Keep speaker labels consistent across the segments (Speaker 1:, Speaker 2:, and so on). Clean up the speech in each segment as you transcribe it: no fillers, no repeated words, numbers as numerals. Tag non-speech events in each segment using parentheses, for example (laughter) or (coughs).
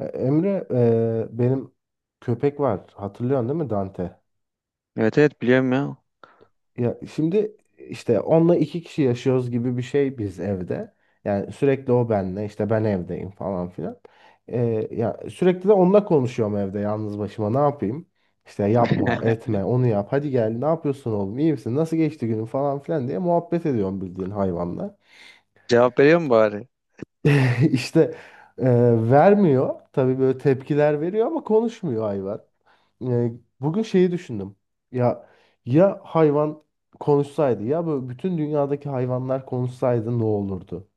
Speaker 1: Emre, benim köpek var. Hatırlıyorsun değil mi Dante?
Speaker 2: Evet evet biliyorum ya.
Speaker 1: Ya şimdi işte onunla iki kişi yaşıyoruz gibi bir şey biz evde. Yani sürekli o benle, işte ben evdeyim falan filan. Ya sürekli de onunla konuşuyorum evde yalnız başıma. Ne yapayım? İşte yapma,
Speaker 2: (laughs)
Speaker 1: etme, onu yap. Hadi gel, ne yapıyorsun oğlum? İyi misin? Nasıl geçti günün falan filan diye muhabbet ediyorum bildiğin hayvanla.
Speaker 2: Cevap veriyor mu bari?
Speaker 1: (laughs) İşte e, vermiyor. Tabii böyle tepkiler veriyor ama konuşmuyor hayvan. E, Bugün şeyi düşündüm. Ya ya hayvan konuşsaydı ya böyle bütün dünyadaki hayvanlar konuşsaydı ne olurdu?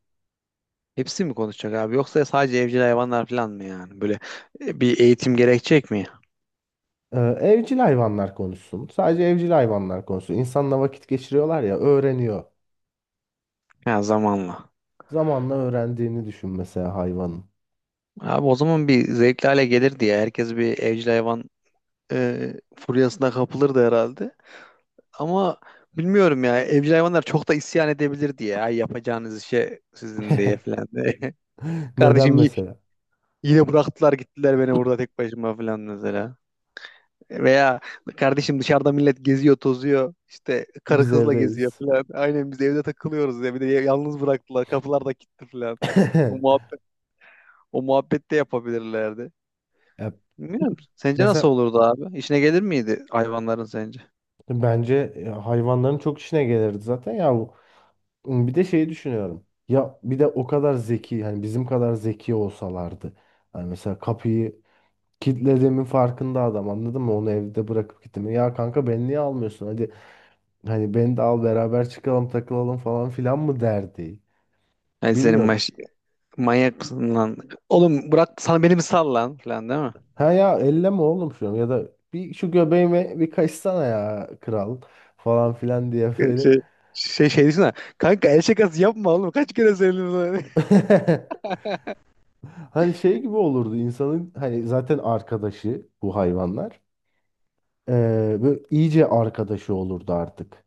Speaker 2: Hepsi mi konuşacak abi? Yoksa sadece evcil hayvanlar falan mı yani? Böyle bir eğitim gerekecek mi?
Speaker 1: Evcil hayvanlar konuşsun. Sadece evcil hayvanlar konuşsun. İnsanla vakit geçiriyorlar ya öğreniyor.
Speaker 2: Ha, zamanla.
Speaker 1: Zamanla öğrendiğini düşün mesela hayvanın.
Speaker 2: Abi o zaman bir zevkli hale gelir diye herkes bir evcil hayvan furyasına kapılırdı herhalde. Ama bilmiyorum ya, evcil hayvanlar çok da isyan edebilir diye. Ay yapacağınız işe sizin diye falan diye.
Speaker 1: (laughs)
Speaker 2: (laughs)
Speaker 1: Neden
Speaker 2: Kardeşim
Speaker 1: mesela?
Speaker 2: yine bıraktılar gittiler beni burada tek başıma falan mesela. Veya kardeşim, dışarıda millet geziyor, tozuyor. İşte karı
Speaker 1: Biz
Speaker 2: kızla geziyor
Speaker 1: evdeyiz.
Speaker 2: falan. Aynen biz evde takılıyoruz ya. Bir de yalnız bıraktılar. Kapılar da kilitli falan. O
Speaker 1: (laughs)
Speaker 2: muhabbet, o muhabbet de yapabilirlerdi.
Speaker 1: Ya
Speaker 2: Bilmiyorum. Sence nasıl
Speaker 1: mesela
Speaker 2: olurdu abi? İşine gelir miydi hayvanların sence?
Speaker 1: bence hayvanların çok işine gelirdi zaten ya. Bir de şeyi düşünüyorum. Ya bir de o kadar zeki hani bizim kadar zeki olsalardı. Hani mesela kapıyı kilitlediğimin farkında adam anladın mı? Onu evde bırakıp gittim. Ya kanka beni niye almıyorsun? Hadi hani beni de al beraber çıkalım takılalım falan filan mı derdi.
Speaker 2: Yani senin
Speaker 1: Bilmiyorum.
Speaker 2: maş manyak mısın lan? Oğlum, bırak sana beni mi sal lan falan, değil mi?
Speaker 1: Ha ya elleme oğlum şunu ya da bir şu göbeğime bir kaçsana ya kral falan filan diye böyle.
Speaker 2: Şey, şey düşünsene. Kanka, el şakası yapma oğlum. Kaç kere söyledim sana. (laughs)
Speaker 1: (laughs) Hani şey gibi olurdu insanın hani zaten arkadaşı bu hayvanlar. Böyle iyice arkadaşı olurdu artık.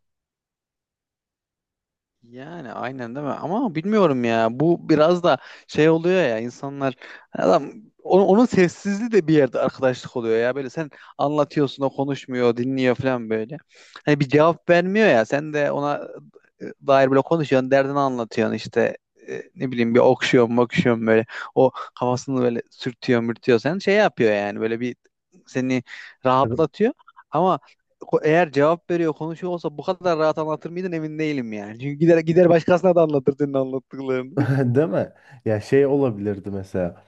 Speaker 2: Yani aynen değil mi? Ama bilmiyorum ya. Bu biraz da şey oluyor ya, insanlar adam onun sessizliği de bir yerde arkadaşlık oluyor ya. Böyle sen anlatıyorsun, o konuşmuyor, dinliyor falan böyle. Hani bir cevap vermiyor ya. Sen de ona dair böyle konuşuyorsun, derdini anlatıyorsun işte. Ne bileyim, bir okşuyorsun, bakışıyorsun böyle. O kafasını böyle sürtüyor, mürtüyor. Sen şey yapıyor yani, böyle bir seni
Speaker 1: (laughs)
Speaker 2: rahatlatıyor. Ama eğer cevap veriyor, konuşuyor olsa bu kadar rahat anlatır mıydın emin değilim yani. Çünkü gider gider başkasına da anlatırdın anlattıklarını.
Speaker 1: Değil mi? Ya şey olabilirdi mesela.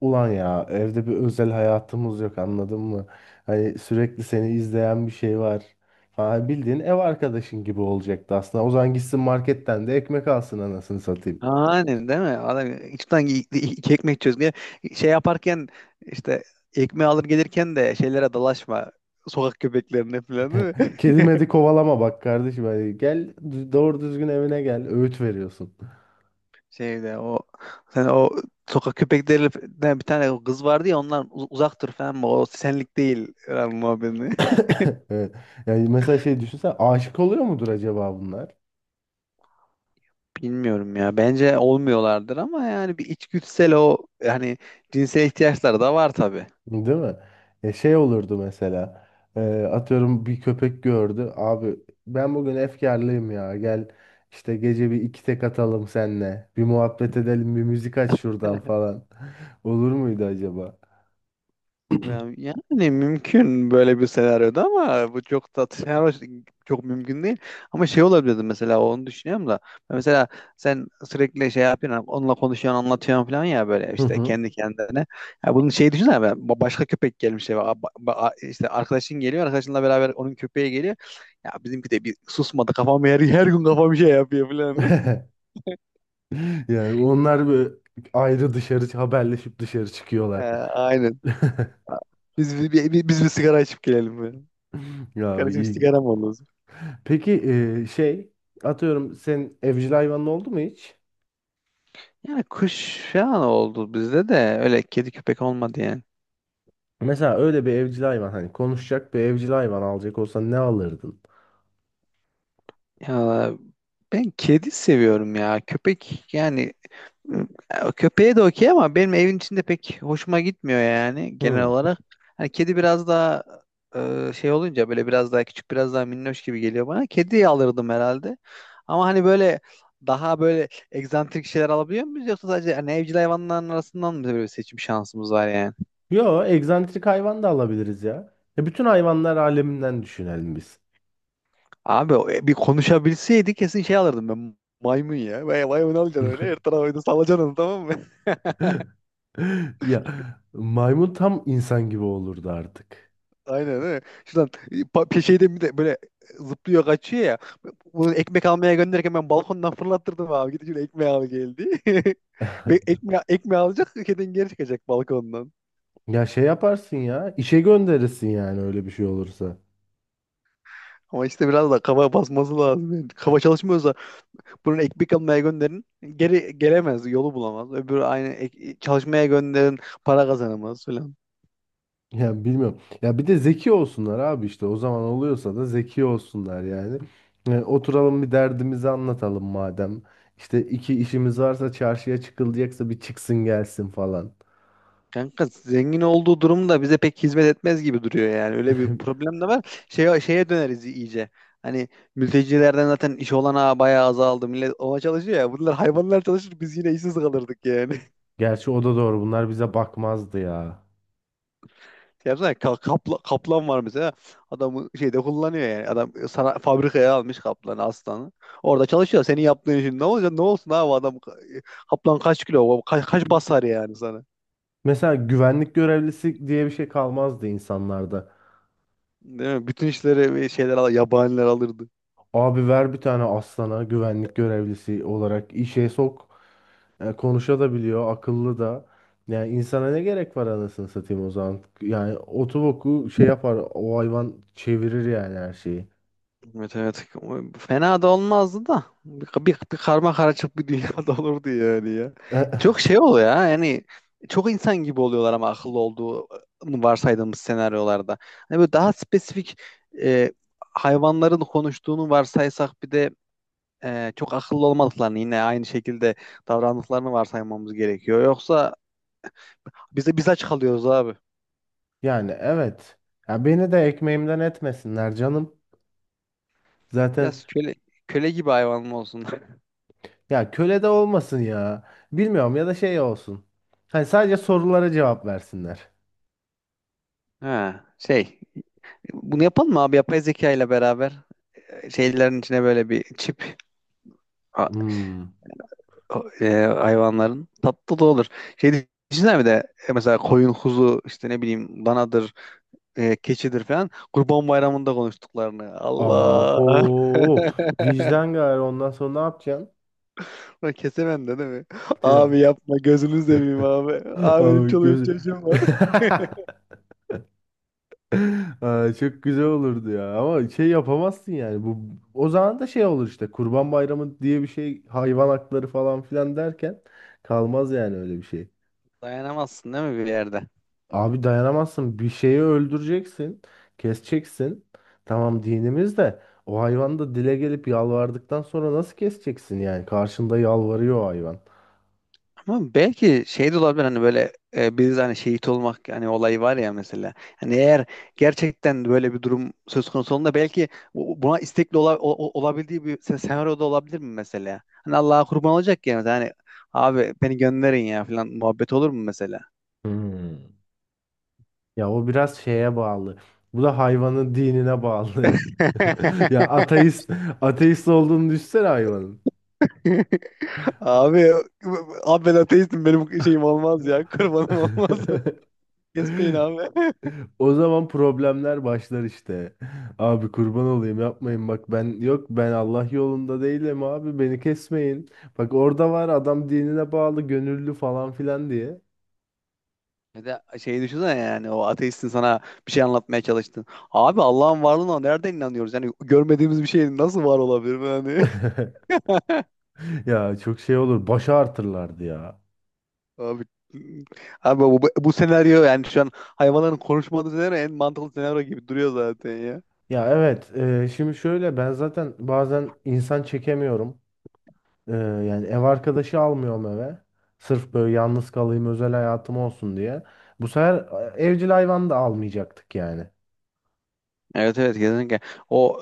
Speaker 1: Ulan ya evde bir özel hayatımız yok anladın mı? Hani sürekli seni izleyen bir şey var. Falan bildiğin ev arkadaşın gibi olacaktı aslında. O zaman gitsin marketten de ekmek alsın anasını
Speaker 2: (laughs)
Speaker 1: satayım.
Speaker 2: Aynen değil mi? Adam içten iki ekmek çözmeye şey yaparken işte ekmeği alır gelirken de şeylere dalaşma. Sokak köpeklerine falan, değil mi?
Speaker 1: Kedi medi kovalama bak kardeşim. Hani gel doğru düzgün evine gel. Öğüt veriyorsun. (coughs)
Speaker 2: (laughs) Şeyde o sen o sokak köpeklerinden bir tane kız vardı ya, ondan uzak dur falan, o senlik değil falan muhabbetini.
Speaker 1: (laughs) Evet. Yani mesela şey düşünsen aşık oluyor mudur acaba bunlar?
Speaker 2: Bilmiyorum ya. Bence olmuyorlardır ama yani bir içgüdüsel, o hani cinsel ihtiyaçları da var tabii.
Speaker 1: Değil mi? Ya şey olurdu mesela. e, Atıyorum bir köpek gördü. Abi ben bugün efkarlıyım ya. Gel işte gece bir iki tek atalım senle. Bir muhabbet edelim, bir müzik aç şuradan
Speaker 2: (laughs)
Speaker 1: falan. (laughs) Olur muydu acaba?
Speaker 2: Yani yani mümkün böyle bir senaryoda ama bu çok da senaryo (laughs) çok mümkün değil. Ama şey olabilirdi mesela, onu düşünüyorum da. Mesela sen sürekli şey yapıyorsun, onunla konuşuyorsun, anlatıyorsun falan ya, böyle
Speaker 1: Hı
Speaker 2: işte
Speaker 1: hı.
Speaker 2: kendi kendine. Ya bunun şey düşünsene, ben başka köpek gelmiş eve. İşte arkadaşın geliyor, arkadaşınla beraber onun köpeği geliyor. Ya bizimki de bir susmadı kafam, her gün kafam şey yapıyor falan. (laughs)
Speaker 1: (laughs) Yani onlar bir ayrı dışarı haberleşip dışarı çıkıyorlar.
Speaker 2: Aynen.
Speaker 1: (laughs)
Speaker 2: Biz biz bir sigara içip gelelim böyle.
Speaker 1: Ya
Speaker 2: Kardeşim
Speaker 1: iyi.
Speaker 2: sigara mı olur?
Speaker 1: Peki şey, atıyorum sen evcil hayvanın oldu mu hiç?
Speaker 2: Yani kuş falan oldu bizde de, öyle kedi köpek olmadı yani.
Speaker 1: Mesela öyle bir evcil hayvan hani konuşacak bir evcil hayvan alacak olsan ne alırdın?
Speaker 2: Ya ben kedi seviyorum ya. Köpek yani. Ya, köpeğe de okey ama benim evin içinde pek hoşuma gitmiyor yani genel
Speaker 1: Hmm.
Speaker 2: olarak. Hani kedi biraz daha şey olunca böyle biraz daha küçük, biraz daha minnoş gibi geliyor bana. Kediyi alırdım herhalde. Ama hani böyle daha böyle egzantrik şeyler alabiliyor muyuz, yoksa sadece hani evcil hayvanların arasından mı böyle bir seçim şansımız var yani?
Speaker 1: Yo, egzantrik hayvan da alabiliriz ya. Ya bütün hayvanlar aleminden düşünelim biz.
Speaker 2: Abi bir konuşabilseydi kesin şey alırdım ben, maymun ya. Vay, maymun alacaksın, öyle her tarafa oyunu salacaksın onu, tamam mı?
Speaker 1: (laughs) Ya maymun tam insan gibi olurdu artık.
Speaker 2: Aynen öyle. Şuradan şeyden bir de böyle zıplıyor kaçıyor ya. Bunu ekmek almaya gönderirken ben balkondan fırlattırdım abi. Gidip şöyle ekmeği al geldi. (laughs) Ekmeği, ekmeği alacak kedin, geri çıkacak balkondan.
Speaker 1: Ya şey yaparsın ya, işe gönderirsin yani öyle bir şey olursa.
Speaker 2: Ama işte biraz da kafa basması lazım. Yani. Kafa çalışmıyorsa bunu ekmek almaya gönderin. Geri gelemez, yolu bulamaz. Öbürü aynı çalışmaya gönderin, para kazanamaz falan.
Speaker 1: Ya bilmiyorum. Ya bir de zeki olsunlar abi işte o zaman oluyorsa da zeki olsunlar yani. Oturalım bir derdimizi anlatalım madem. İşte iki işimiz varsa çarşıya çıkılacaksa bir çıksın gelsin falan.
Speaker 2: Kanka zengin olduğu durumda bize pek hizmet etmez gibi duruyor yani. Öyle bir
Speaker 1: (laughs)
Speaker 2: problem de var. Şeye döneriz iyice. Hani mültecilerden zaten iş olanağı bayağı azaldı. Millet ova çalışıyor ya. Bunlar hayvanlar çalışır, biz yine işsiz kalırdık yani.
Speaker 1: Gerçi o da doğru bunlar bize bakmazdı ya.
Speaker 2: (laughs) Yapsana, kaplan var mesela. Adamı şeyde kullanıyor yani. Adam sana fabrikaya almış kaplanı, aslanı. Orada çalışıyor. Senin yaptığın işin ne olacak? Ne olsun abi, adam kaplan kaç kilo? Kaç basar yani sana?
Speaker 1: Mesela güvenlik görevlisi diye bir şey kalmazdı insanlarda.
Speaker 2: Değil mi? Bütün işleri yabaniler alırdı.
Speaker 1: Abi ver bir tane aslana güvenlik görevlisi olarak işe sok. Konuşabiliyor, akıllı da. Yani insana ne gerek var anasını satayım o zaman. Yani otoboku şey yapar, o hayvan çevirir yani her şeyi. (laughs)
Speaker 2: Evet evet. Fena da olmazdı da. Bir karma karışık bir dünyada (laughs) olurdu yani ya.
Speaker 1: E,
Speaker 2: E, çok şey oluyor ya. Yani çok insan gibi oluyorlar ama akıllı olduğunu varsaydığımız senaryolarda. Hani böyle daha spesifik e, hayvanların konuştuğunu varsaysak bir de çok akıllı olmadıklarını yine aynı şekilde davrandıklarını varsaymamız gerekiyor. Yoksa biz aç kalıyoruz abi.
Speaker 1: Yani evet. Ya beni de ekmeğimden etmesinler canım. Zaten
Speaker 2: Biraz köle gibi hayvan mı olsun. (laughs)
Speaker 1: ya köle de olmasın ya. Bilmiyorum ya da şey olsun. Hani sadece sorulara cevap versinler.
Speaker 2: Ha, şey. Bunu yapalım mı abi yapay zeka ile beraber? Şeylerin içine böyle bir çip a-
Speaker 1: Hmm.
Speaker 2: hayvanların, tatlı da olur. Şey düşünsene bir de, mesela koyun kuzu işte ne bileyim danadır, keçidir falan Kurban Bayramı'nda konuştuklarını. Allah!
Speaker 1: Abo.
Speaker 2: (laughs)
Speaker 1: Vicdan gari ondan sonra ne yapacaksın?
Speaker 2: Ulan, kesemem de değil mi? Abi
Speaker 1: (laughs)
Speaker 2: yapma gözünü seveyim abi. Abi benim
Speaker 1: Abi
Speaker 2: çoluğum
Speaker 1: gözü.
Speaker 2: çocuğum var. (laughs)
Speaker 1: (laughs) Aa, çok güzel olurdu ya ama şey yapamazsın yani bu o zaman da şey olur işte Kurban Bayramı diye bir şey hayvan hakları falan filan derken kalmaz yani öyle bir şey.
Speaker 2: Dayanamazsın değil mi bir yerde?
Speaker 1: Abi dayanamazsın bir şeyi öldüreceksin keseceksin tamam dinimiz de o hayvan da dile gelip yalvardıktan sonra nasıl keseceksin yani karşında yalvarıyor o hayvan.
Speaker 2: Ama belki şey de olabilir, hani böyle biz hani şehit olmak yani olayı var ya mesela. Hani eğer gerçekten böyle bir durum söz konusu olduğunda belki buna istekli ola- o- o- olabildiği bir senaryo da olabilir mi mesela? Hani Allah'a kurban olacak ya mesela, hani abi beni gönderin ya falan muhabbet olur mu mesela?
Speaker 1: Hmm. Ya o biraz şeye bağlı. Bu da hayvanın dinine bağlı. (laughs) Ya
Speaker 2: (laughs)
Speaker 1: ateist ateist olduğunu düşünsene hayvanın.
Speaker 2: Abi Abi ben ateistim, benim şeyim olmaz
Speaker 1: (laughs)
Speaker 2: ya, kurbanım olmaz. (laughs) Kesmeyin abi.
Speaker 1: O zaman problemler başlar işte. Abi kurban olayım yapmayın bak ben yok ben Allah yolunda değilim abi beni kesmeyin. Bak orada var adam dinine bağlı gönüllü falan filan diye.
Speaker 2: Bir de şeyi düşünsene yani, o ateistin sana bir şey anlatmaya çalıştın. Abi Allah'ın varlığına nereden inanıyoruz? Yani görmediğimiz bir şeyin nasıl var olabilir yani?
Speaker 1: (laughs)
Speaker 2: (laughs)
Speaker 1: Ya çok şey olur başa artırlardı ya.
Speaker 2: Abi Abi bu senaryo yani şu an hayvanların konuşmadığı senaryo en mantıklı senaryo gibi duruyor zaten ya.
Speaker 1: Ya evet şimdi şöyle ben zaten bazen insan çekemiyorum. Yani ev arkadaşı almıyorum eve. Sırf böyle yalnız kalayım özel hayatım olsun diye. Bu sefer evcil hayvan da almayacaktık yani.
Speaker 2: Evet evet kesinlikle. O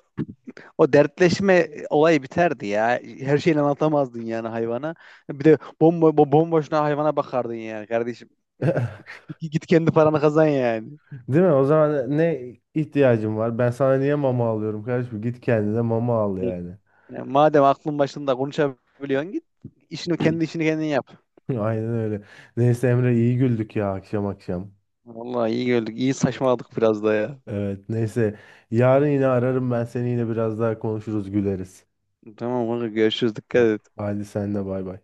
Speaker 2: O dertleşme olayı biterdi ya. Her şeyini anlatamazdın yani hayvana. Bir de bomba bomboşuna hayvana bakardın yani kardeşim.
Speaker 1: (laughs)
Speaker 2: Git kendi paranı kazan yani.
Speaker 1: Değil mi? O zaman ne ihtiyacım var? Ben sana niye mama alıyorum kardeşim? Git kendine mama al yani.
Speaker 2: Yani madem aklın başında konuşabiliyorsun git. Kendi işini kendin yap.
Speaker 1: (laughs) Aynen öyle. Neyse Emre iyi güldük ya akşam akşam.
Speaker 2: Vallahi iyi gördük. İyi saçmaladık biraz da ya.
Speaker 1: Evet neyse. Yarın yine ararım ben seni yine biraz daha konuşuruz güleriz.
Speaker 2: Tamam kanka, görüşürüz. Dikkat
Speaker 1: Ha-
Speaker 2: et.
Speaker 1: Hadi sen de bay bay.